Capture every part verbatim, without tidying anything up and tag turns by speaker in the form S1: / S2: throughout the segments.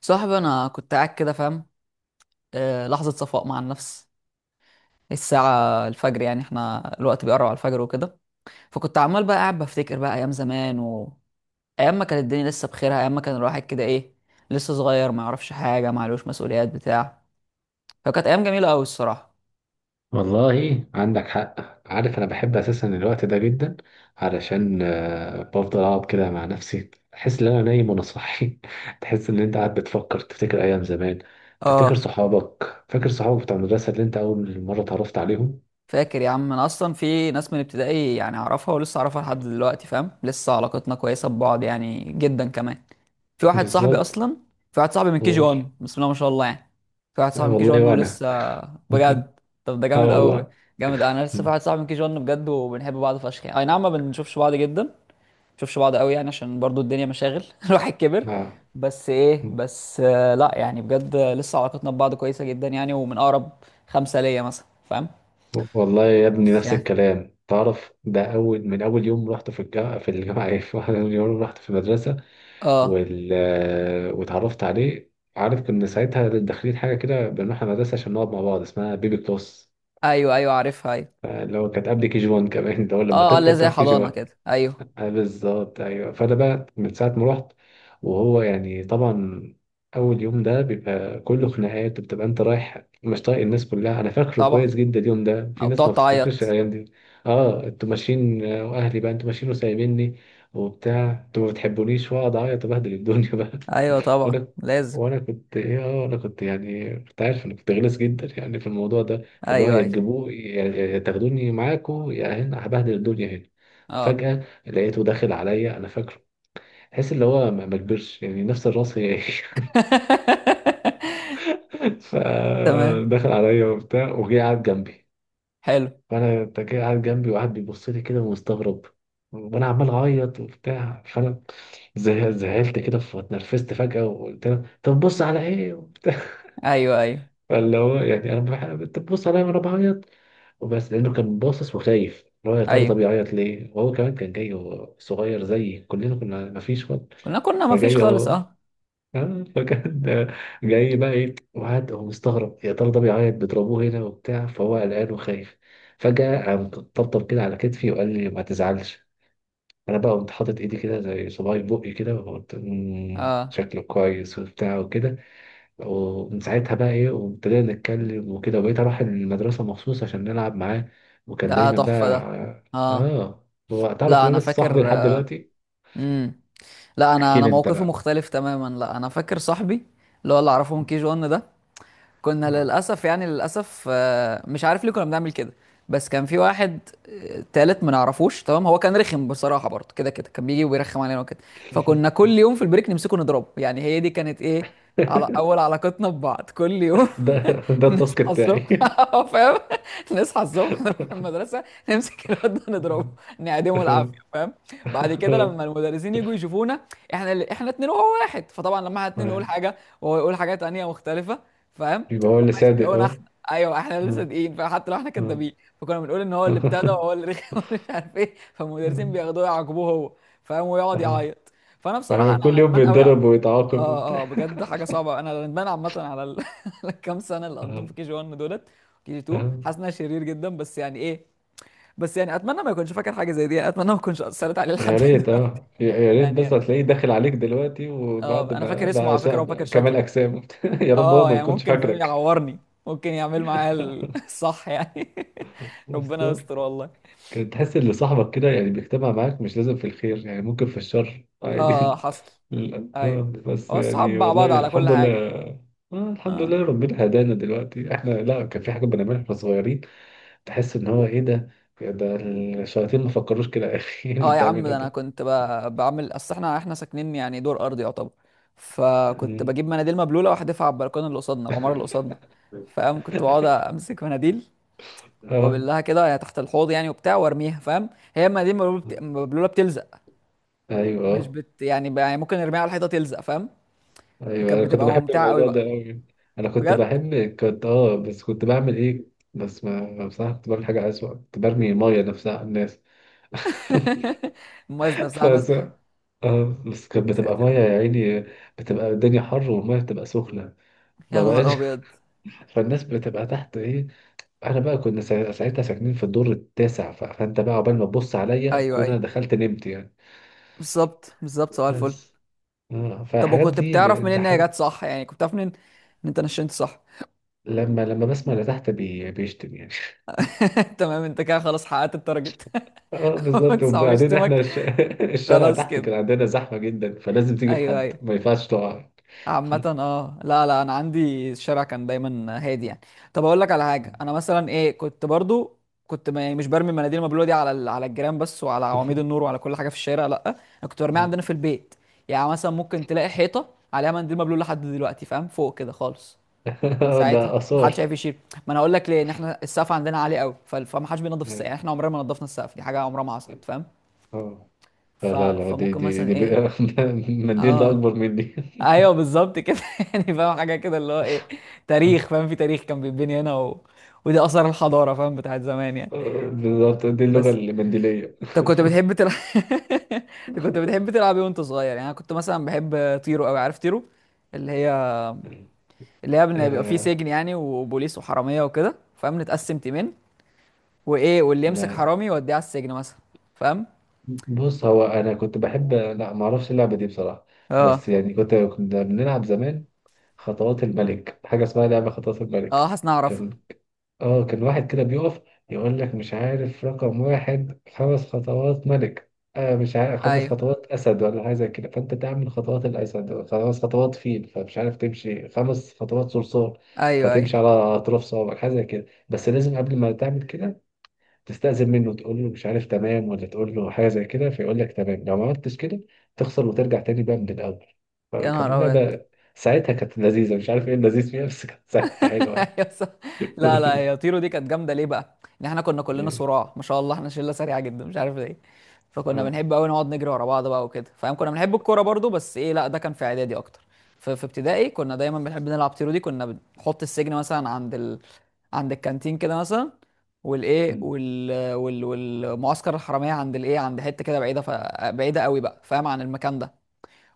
S1: صاحبي انا كنت قاعد كده فاهم. آه، لحظه صفاء مع النفس، الساعه الفجر، يعني احنا الوقت بيقرب على الفجر وكده. فكنت عمال بقى قاعد بفتكر بقى ايام زمان و ايام ما كانت الدنيا لسه بخيرها، ايام ما كان الواحد كده ايه، لسه صغير ما يعرفش حاجه ما عليهوش مسؤوليات بتاع. فكانت ايام جميله قوي الصراحه.
S2: والله عندك حق. عارف انا بحب اساسا الوقت ده جدا، علشان آه، بفضل اقعد كده مع نفسي، احس ان انا نايم وانا صاحي. تحس ان انت قاعد بتفكر، تفتكر ايام زمان، تفتكر
S1: اه
S2: صحابك، فاكر صحابك بتاع المدرسه اللي انت اول مره اتعرفت عليهم.
S1: فاكر يا عم، انا اصلا في ناس من ابتدائي يعني اعرفها ولسه اعرفها لحد دلوقتي، فاهم؟ لسه علاقتنا كويسه ببعض يعني، جدا كمان. في واحد صاحبي
S2: بالظبط.
S1: اصلا في واحد صاحبي من كي جي
S2: دول
S1: واحد بسم الله ما شاء الله يعني. في واحد
S2: أي
S1: صاحبي من كي جي واحد
S2: والله. وانا.
S1: ولسه. بجد. طب ده
S2: اه
S1: جامد قوي.
S2: والله.
S1: جامد، انا لسه في
S2: مم.
S1: واحد صاحبي من كي جي واحد بجد وبنحب بعض فشخ يعني، اي نعم ما بنشوفش بعض جدا، ما بنشوفش بعض قوي، يعني عشان برضو الدنيا مشاغل، الواحد كبر.
S2: اه.
S1: بس ايه،
S2: مم.
S1: بس آه، لا يعني بجد، آه، لسه علاقتنا ببعض كويسة جدا يعني، ومن اقرب خمسة ليا مثلا، فاهم؟
S2: والله يا ابني،
S1: بس
S2: نفس
S1: يعني
S2: الكلام. تعرف ده اول من اول يوم رحت في الجامعه في الجامعه ايه من اول يوم رحت في المدرسه.
S1: اه.
S2: وال... واتعرفت عليه. عارف كنا ساعتها داخلين حاجة كده، بنروح المدرسة عشان نقعد مع بعض، اسمها بيبي كلوس،
S1: ايوه ايوه عارفها ايوه.
S2: اللي هو كانت قبل كي جي واحد كمان، اللي هو لما
S1: اه اه اللي
S2: تكبر
S1: هي زي
S2: تروح كي جي
S1: حضانة
S2: واحد.
S1: كده، ايوه.
S2: آه، بالظبط، ايوه. فانا بقى من ساعة ما رحت، وهو يعني طبعا اول يوم ده بيبقى كله خناقات، وبتبقى انت رايح مش طايق الناس كلها. انا فاكره
S1: طبعا.
S2: كويس جدا اليوم ده، في
S1: او
S2: ناس ما
S1: بتقعد
S2: بتفتكرش
S1: تعيط.
S2: الايام دي. اه، انتوا ماشيين، آه، واهلي بقى انتوا ماشيين وسايبيني وبتاع، انتوا ما بتحبونيش، واقعد اعيط وبهدل الدنيا بقى.
S1: ايوه طبعا
S2: وانا
S1: لازم.
S2: وانا كنت ايه اه انا كنت يعني كنت عارف انا كنت غلس جدا يعني في الموضوع ده. فاللي هو
S1: ايوه
S2: يا
S1: ايوه
S2: تجيبوه، يا يا- يا تاخدوني معاكم، يا هنا هبهدل الدنيا هنا.
S1: اه.
S2: فجأة لقيته داخل عليا، انا فاكره، تحس اللي هو ما ما كبرش يعني، نفس الراس، هي هي.
S1: تمام.
S2: فدخل عليا وبتاع، وجه قعد جنبي.
S1: حلو.
S2: فانا أنت جاي قاعد جنبي، وقعد بيبص لي كده ومستغرب، وانا عمال اعيط وبتاع. فانا زه- زهقت كده، فاتنرفزت فجأة، وقلت له طب بص على ايه وبتاع.
S1: ايوه ايوه
S2: فاللي هو يعني انا بح- انت بتبص عليا وانا بعيط وبس، لانه كان باصص وخايف، اللي هو يا ترى ده
S1: ايوه.
S2: بيعيط ليه. وهو كمان كان جاي وهو صغير زيي، كلنا كنا ما فيش وقت.
S1: كنا كنا ما فيش
S2: فجاي
S1: خالص
S2: اهو.
S1: اه.
S2: آه، فكان آه، جاي بقى ايه، وقعد هو مستغرب، يا ترى ده بيعيط، بيضربوه هنا وبتاع، فهو قلقان وخايف. فجأة قام طبطب كده على كتفي وقال لي ما تزعلش. انا بقى قمت حاطط ايدي كده زي صباعي في بقي كده، وقلت "مم،
S1: اه
S2: شكله كويس" وبتاع وكده. ومن ساعتها بقى ايه، وابتدينا نتكلم وكده، وبقيت اروح المدرسة مخصوص عشان نلعب معاه، وكان
S1: ده
S2: دايما بقى.
S1: تحفة ده. اه
S2: اه. هو تعرف
S1: لا
S2: ان
S1: انا
S2: انا لسه صاحبي
S1: فاكر.
S2: لحد دلوقتي.
S1: امم. لا انا
S2: احكي
S1: انا
S2: لي انت
S1: موقفي
S2: بقى.
S1: مختلف تماما، لا انا فاكر صاحبي اللي هو اللي اعرفه من كي جي واحد ده. كنا
S2: آه.
S1: للأسف يعني للأسف، آه، مش عارف ليه كنا بنعمل كده. بس كان في واحد آه، تالت ما نعرفوش، تمام؟ هو كان رخم بصراحة برضه، كده كده كان بيجي ويرخم علينا وكده. فكنا كل يوم في البريك نمسكه نضربه، يعني هي دي كانت ايه على أول علاقتنا ببعض، كل يوم
S2: ده ده التاسك
S1: نصحى
S2: بتاعي.
S1: الصبح اه فاهم، نصحى الصبح نروح المدرسه نمسك الواد ده نضربه نعدمه العافيه فاهم. بعد كده لما المدرسين يجوا يشوفونا، احنا اللي احنا اتنين وهو واحد، فطبعا لما احنا اتنين نقول حاجه وهو يقول حاجه تانيه مختلفه، فاهم؟
S2: يبقى هو
S1: هم
S2: اللي صادق.
S1: هيصدقونا
S2: اه.
S1: احنا، ايوه احنا اللي
S2: آه.
S1: صادقين فحتى لو احنا
S2: آه.
S1: كدابين. فكنا بنقول ان هو اللي ابتدى وهو اللي رخم ومش عارف ايه، فالمدرسين بياخدوه يعاقبوه هو فاهم ويقعد
S2: آه.
S1: يعيط. فانا بصراحه
S2: آه. كل
S1: انا
S2: يوم
S1: ندمان قوي.
S2: بيتضرب ويتعاقب
S1: اه اه
S2: وبتاع.
S1: بجد حاجه صعبه، انا ندمان عامه على ال... على الكام سنه اللي قضيتهم في
S2: آه.
S1: كي جي واحد دولت، كي جي اتنين
S2: آه.
S1: حاسس انها شرير جدا، بس يعني ايه. بس يعني اتمنى ما يكونش فاكر حاجه زي دي يعني، اتمنى ما اكونش اثرت عليه لحد
S2: يا ريت،
S1: دلوقتي
S2: اه، يا يا ريت بس
S1: يعني.
S2: هتلاقيه داخل عليك دلوقتي، وبعد
S1: اه انا
S2: ما
S1: فاكر اسمه
S2: بقى
S1: على فكره وفاكر
S2: شا- كمال
S1: شكله.
S2: اجسام. يا رب هو
S1: اه
S2: ما
S1: يعني
S2: يكونش
S1: ممكن فاهم
S2: فاكرك.
S1: يعورني، ممكن يعمل معايا ال- الصح يعني ربنا
S2: بالظبط.
S1: يستر والله.
S2: كان تحس ان صاحبك كده يعني بيجتمع معاك، مش لازم في الخير يعني، ممكن في الشر
S1: اه
S2: عادي.
S1: حصل.
S2: لا، آه،
S1: ايوه.
S2: بس
S1: هو الصحاب
S2: يعني
S1: مع
S2: والله
S1: بعض على كل
S2: الحمد
S1: حاجه.
S2: لله. آه، الحمد
S1: اه
S2: لله ربنا هدانا دلوقتي احنا، لا كان في حاجه بنعملها واحنا صغيرين. تحس ان هو ايه ده، ده الشياطين ما فكروش كده. يا اخي إيه اللي
S1: اه يا عم،
S2: بتعمله
S1: ده انا
S2: ده؟
S1: كنت ب- بعمل، اصل احنا احنا ساكنين يعني دور ارضي يعتبر، فكنت
S2: مم.
S1: بجيب مناديل مبلوله واحدفها على البلكونه اللي قصادنا، العماره اللي قصادنا، فاهم؟ كنت بقعد امسك مناديل
S2: اه.
S1: وابلها كده يعني تحت الحوض يعني وبتاع وارميها فاهم، هي المناديل مبلوله بت- مبلولة بتلزق،
S2: ايوه.
S1: مش
S2: آه.
S1: بت يعني, ب- يعني ممكن نرميها على الحيطه تلزق، فاهم؟
S2: ايوه،
S1: كانت
S2: انا كنت
S1: بتبقى
S2: بحب
S1: ممتعه قوي
S2: الموضوع ده
S1: بقى.
S2: قوي. انا كنت
S1: بجد.
S2: بحب، كنت اه، بس كنت بعمل ايه؟ بس ما بصراحه كنت بعمل حاجه اسوأ، كنت برمي ميه نفسها على الناس.
S1: المميز نفسها الناس.
S2: فس اه، بس كانت
S1: يا
S2: بتبقى
S1: ساتر
S2: ميه
S1: يا رب.
S2: يا عيني، بتبقى الدنيا حر والميه بتبقى سخنه،
S1: يا
S2: ما
S1: نهار
S2: بقاش.
S1: ابيض.
S2: فالناس بتبقى تحت ايه، احنا بقى كنا سا- ساعتها ساكنين في الدور التاسع، ف- فانت بقى عقبال ما تبص عليا
S1: ايوه
S2: اكون
S1: ايوه،
S2: انا دخلت نمت يعني.
S1: بالظبط بالظبط، سؤال الفل.
S2: بس اه،
S1: طب
S2: فالحاجات
S1: وكنت
S2: دي
S1: بتعرف
S2: ب- ده
S1: منين ان هي
S2: حاجه.
S1: جت صح يعني، كنت بتعرف منين ان انت نشنت صح؟
S2: لما لما بسمع اللي تحت بي... بيشتم يعني.
S1: تمام، انت كده خلاص حققت التارجت.
S2: اه
S1: ما
S2: بالظبط.
S1: تصعب
S2: وبعدين احنا
S1: يشتمك.
S2: الش... الشارع
S1: خلاص
S2: تحت كان
S1: كده.
S2: عندنا زحمة جدا، فلازم تيجي في
S1: ايوه
S2: حد،
S1: ايوه.
S2: ما ينفعش تقع.
S1: عامة اه لا لا انا عندي الشارع كان دايما هادي يعني. طب اقول لك على حاجة، انا مثلا ايه كنت برضو كنت، ما يعني مش برمي المناديل المبلولة دي على ال- على الجيران بس، وعلى عواميد النور وعلى كل حاجة في الشارع، لا انا كنت برميها عندنا في البيت يعني. مثلا ممكن تلاقي حيطة عليها منديل مبلول لحد دلوقتي فاهم، فوق كده خالص، من
S2: ده
S1: ساعتها
S2: آثار.
S1: محدش عارف يشيل. ما انا اقول لك ليه، ان احنا السقف عندنا عالي قوي، ف- فمحدش بينضف السقف يعني، احنا عمرنا ما نضفنا السقف، دي حاجة عمرها ما حصلت فاهم.
S2: اه، لا
S1: ف...
S2: لا لا، دي
S1: فممكن
S2: دي
S1: مثلا
S2: دي بقى.
S1: ايه،
S2: المنديل ده
S1: اه
S2: أكبر مني.
S1: ايوه بالظبط كده، يعني فاهم حاجه كده اللي هو ايه، تاريخ فاهم، في تاريخ كان بيتبني هنا و... ودي اثار الحضاره فاهم، بتاعت زمان يعني.
S2: بالظبط، دي اللغة
S1: بس.
S2: المنديلية.
S1: انت كنت بتحب تلعب انت كنت بتحب تلعب ايه وانت صغير؟ يعني انا كنت مثلا بحب طيرو قوي، عارف طيرو؟ اللي هي اللي هي بن- بيبقى فيه
S2: آه.
S1: سجن يعني، وبوليس وحراميه وكده فاهم، نتقسم تيمين، وايه واللي يمسك
S2: لا،
S1: حرامي يوديه على السجن مثلا، فاهم؟
S2: بص هو أنا كنت بحب، لا ما أعرفش اللعبة دي بصراحة. بس
S1: اه
S2: يعني كنت، كنا بنلعب زمان خطوات الملك، حاجة اسمها لعبة خطوات
S1: اه
S2: الملك.
S1: حاسس اني
S2: كان
S1: اعرفها.
S2: اه، كان واحد كده بيقف، يقول لك مش عارف رقم واحد خمس خطوات ملك، آه مش عارف خمس
S1: ايوه
S2: خطوات أسد، ولا حاجة زي كده. فأنت تعمل خطوات الأسد، خمس خطوات فيل، فمش عارف، تمشي خمس خطوات صرصور،
S1: ايوه ايوه.
S2: فتمشي على أطراف صوابعك، حاجة زي كده. بس لازم قبل ما تعمل كده، تستأذن منه، تقول له مش عارف تمام، ولا تقول له حاجة زي كده، فيقول لك تمام. لو ما عملتش كده تخسر، وترجع تاني بقى من الأول.
S1: يا نهار
S2: فكان
S1: ابيض.
S2: لعبة ساعتها كانت لذيذة، مش عارف إيه اللذيذ فيها، بس كانت ساعتها حلوة يعني.
S1: أيوة صح. لا لا هي طيرو دي كانت جامده ليه بقى؟ ان احنا كنا كلنا صراع ما شاء الله، احنا شله سريعه جدا مش عارف ليه، فكنا
S2: اه.
S1: بنحب قوي نقعد نجري ورا بعض بقى وكده فاهم. كنا بنحب الكوره برضو، بس ايه لا ده كان في اعدادي اكتر. في في ابتدائي كنا دايما بنحب نلعب طيرو دي، كنا بنحط السجن مثلا عند ال... عند الكانتين كده مثلا، والايه
S2: مم.
S1: وال... وال... والمعسكر الحراميه عند الايه، عند حته كده بعيده، ف... بعيده قوي بقى فاهم عن المكان ده.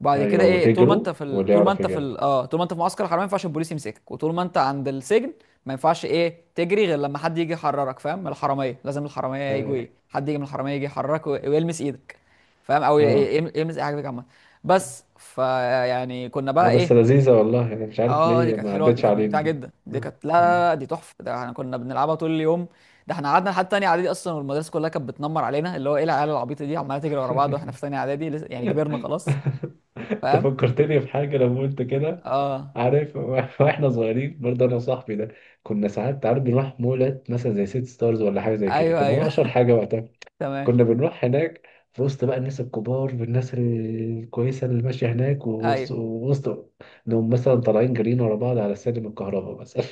S1: بعد كده
S2: ايوه،
S1: ايه، طول ما انت
S2: وتجروا
S1: في ال...
S2: واللي
S1: طول ما
S2: يعرف
S1: انت في ال...
S2: يجيبها.
S1: اه طول ما انت في معسكر الحراميه ما ينفعش البوليس يمسكك، وطول ما انت عند السجن ما ينفعش ايه تجري، غير لما حد يجي يحررك فاهم، من الحراميه، لازم الحراميه يجوا
S2: ايوه.
S1: ايه، حد يجي من الحراميه يجي يحررك و... ويلمس ايدك فاهم، او ي...
S2: اه،
S1: ي- يلمس اي حاجه فيك عامه. بس فيعني كنا
S2: لا
S1: بقى ايه.
S2: بس لذيذة والله، انا مش عارف
S1: اه دي
S2: ليه
S1: كانت
S2: ما
S1: حلوه، دي
S2: عدتش
S1: كانت
S2: علينا
S1: ممتعه
S2: دي.
S1: جدا، دي
S2: آه.
S1: كانت لا لا
S2: مم.
S1: لا، دي تحفه، ده احنا كنا بنلعبها طول اليوم. ده احنا قعدنا لحد تانية اعدادي اصلا، والمدرسه كلها كانت بتنمر علينا، اللي هو ايه العيال العبيطه دي عماله تجري ورا بعض واحنا في تانية اعدادي لسه- يعني كبرنا خلاص
S2: انت
S1: فاهم.
S2: فكرتني في حاجة لما انت كده،
S1: اه
S2: عارف. واحنا صغيرين برضه انا وصاحبي ده، كنا ساعات عارف بنروح مولات مثلا زي سيتي ستارز، ولا حاجة زي كده،
S1: ايوه
S2: كان هو
S1: ايوه.
S2: اشهر حاجة وقتها.
S1: تمام.
S2: كنا بنروح هناك، في وسط بقى الناس الكبار والناس الكويسة اللي ماشية هناك، ووسط
S1: ايوه.
S2: ووسط- انهم مثلا طالعين جريين ورا بعض على سلم الكهرباء مثلا،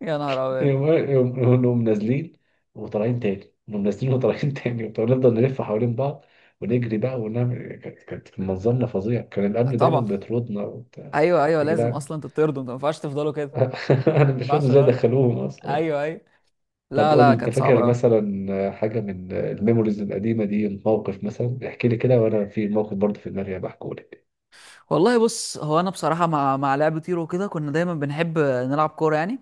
S1: يا نهار ابيض.
S2: يقوم يقوم- يقوم نازلين وطالعين تاني، نقوم نازلين وطالعين تاني، ونفضل نلف حوالين بعض ونجري بقى ونعمل، كانت كانت منظرنا فظيع. كان الأمن دايما
S1: طبعا
S2: بيطردنا وبتاع.
S1: ايوه ايوه،
S2: يا
S1: لازم
S2: جدعان.
S1: اصلا تطردوا، انت ما ينفعش تفضلوا كده.
S2: أنا مش
S1: ما
S2: فاهم
S1: ينفعش
S2: إزاي
S1: غلط.
S2: دخلوهم أصلا.
S1: ايوه ايوه.
S2: طب
S1: لا
S2: قول
S1: لا
S2: لي، أنت
S1: كانت صعبه
S2: فاكر
S1: قوي.
S2: مثلا حاجة من الميموريز القديمة دي، موقف مثلا؟ احكي لي كده، وأنا في موقف برضه في دماغي بحكوا لك.
S1: والله بص، هو انا بصراحه مع مع لعب تيرو كده كنا دايما بنحب نلعب كوره يعني.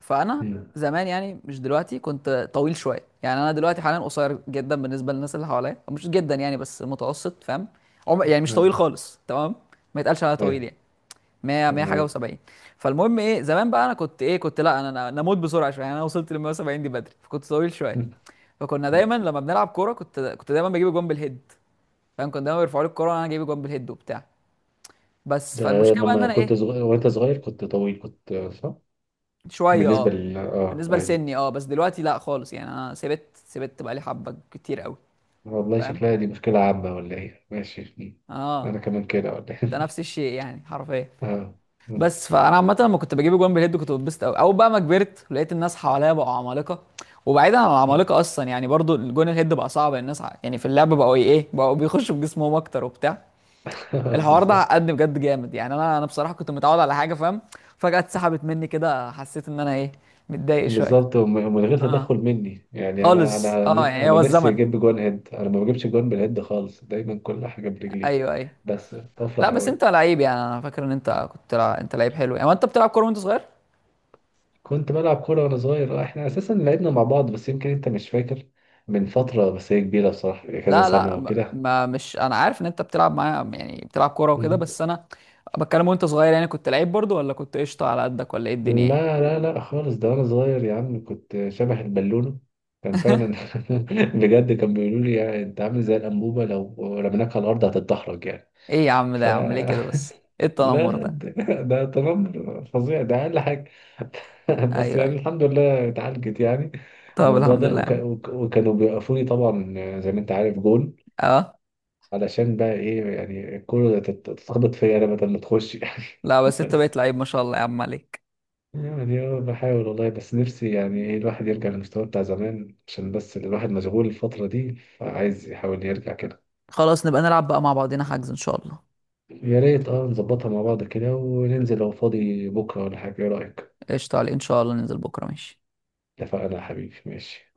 S1: فانا زمان يعني مش دلوقتي كنت طويل شويه يعني، انا دلوقتي حاليا قصير جدا بالنسبه للناس اللي حواليا، مش جدا يعني بس متوسط فاهم. عم... يعني مش طويل خالص تمام، ما يتقالش عليا طويل
S2: أيوه.
S1: يعني. مية مية حاجه
S2: تمام.
S1: و70. فالمهم ايه، زمان بقى انا كنت ايه كنت، لا انا انا أنا اموت بسرعه شويه يعني، انا وصلت لل مية وسبعين دي بدري، فكنت طويل شويه. فكنا دايما لما بنلعب كوره كنت كنت دايما بجيب جون بالهيد فاهم، كنت دايما بيرفعوا لي الكوره وانا جايب جون بالهيد وبتاع. بس
S2: ده
S1: فالمشكله بقى ان
S2: لما
S1: انا
S2: كنت
S1: ايه.
S2: صغير، وأنت صغير كنت طويل، كنت صح؟
S1: شويه اه.
S2: بالنسبة لل، آه
S1: بالنسبه
S2: أيوه.
S1: لسني اه، بس دلوقتي لا خالص يعني، انا سبت سبت بقى لي حبه كتير قوي
S2: والله
S1: فاهم.
S2: شكلها دي مشكلة عامة ولا إيه؟ ماشي.
S1: اه
S2: أنا كمان كده، ولا
S1: ده
S2: إيه؟
S1: نفس الشيء يعني حرفيا.
S2: آه.
S1: بس فانا عامه لما كنت بجيب جوان بالهيد كنت بتبسط قوي، او بقى ما كبرت لقيت الناس حواليا بقوا عمالقه. وبعيدا عن العمالقه اصلا، يعني برضو الجون الهيد بقى صعب، الناس ع- يعني في اللعبه بقوا ايه، بقوا بيخشوا بجسمهم اكتر وبتاع.
S2: آه.
S1: الحوار ده
S2: بالظبط.
S1: عقدني بجد جامد يعني، انا انا بصراحه كنت متعود على حاجه فاهم، فجاه اتسحبت مني كده، حسيت ان انا ايه متضايق شويه.
S2: بالظبط. وم- ومن غير
S1: اه
S2: تدخل مني يعني. أنا
S1: خالص
S2: أنا
S1: اه، يعني
S2: أنا
S1: هو
S2: نفسي
S1: الزمن.
S2: أجيب جوان هيد، أنا ما بجيبش جوان بالهيد خالص، دايما كل حاجة برجلي،
S1: ايوه ايوه.
S2: بس
S1: لا
S2: بفرح
S1: بس
S2: أوي.
S1: انت لعيب يعني، انا فاكر ان انت كنت لع... انت لعيب حلو يعني، هو انت بتلعب كوره وانت صغير؟
S2: كنت بلعب كورة وأنا صغير، آه، إحنا أساسا لعبنا مع بعض، بس يمكن أنت مش فاكر، من فترة، بس هي كبيرة بصراحة، كذا
S1: لا لا
S2: سنة
S1: ما
S2: وكده.
S1: ما- مش انا عارف ان انت بتلعب معايا يعني بتلعب كوره وكده، بس انا بتكلم وانت صغير يعني، كنت لعيب برضو ولا كنت قشطه على قدك ولا ايه الدنيا يعني؟
S2: لا لا لا خالص، ده وانا صغير يا عم كنت شبه البالون. كان فعلا. بجد كان بيقولوا لي يعني انت عامل زي الانبوبه، لو رميناك على الارض هتتدحرج يعني.
S1: ايه يا عم، ده
S2: ف
S1: يا عم ليه كده، بس ايه
S2: لا
S1: التنمر
S2: لا،
S1: ده.
S2: ده, ده تنمر فظيع ده، اقل حاجه. بس
S1: ايوه
S2: يعني
S1: ايوه.
S2: الحمد لله اتعالجت يعني،
S1: طب
S2: الموضوع
S1: الحمد
S2: ده.
S1: لله يا
S2: وك...
S1: عم.
S2: وك... وكانوا بيوقفوني طبعا، زي ما انت عارف، جون،
S1: اه
S2: علشان بقى ايه يعني الكوره تت- تتخبط فيا انا بدل ما تخش يعني.
S1: لا بس انت
S2: بس
S1: بقيت لعيب ما شاء الله يا عم عليك.
S2: يعني اه، بحاول والله، بس نفسي يعني ايه الواحد يرجع للمستوى بتاع زمان، عشان بس الواحد مشغول الفترة دي، فعايز يحاول يرجع كده.
S1: خلاص نبقى نلعب بقى مع بعضنا، حجز ان شاء الله.
S2: يا ريت، اه، نظبطها مع بعض كده، وننزل لو فاضي بكرة ولا حاجة، ايه رأيك؟
S1: قشطه عليك، ان شاء الله ننزل بكره، ماشي.
S2: اتفقنا يا حبيبي، ماشي.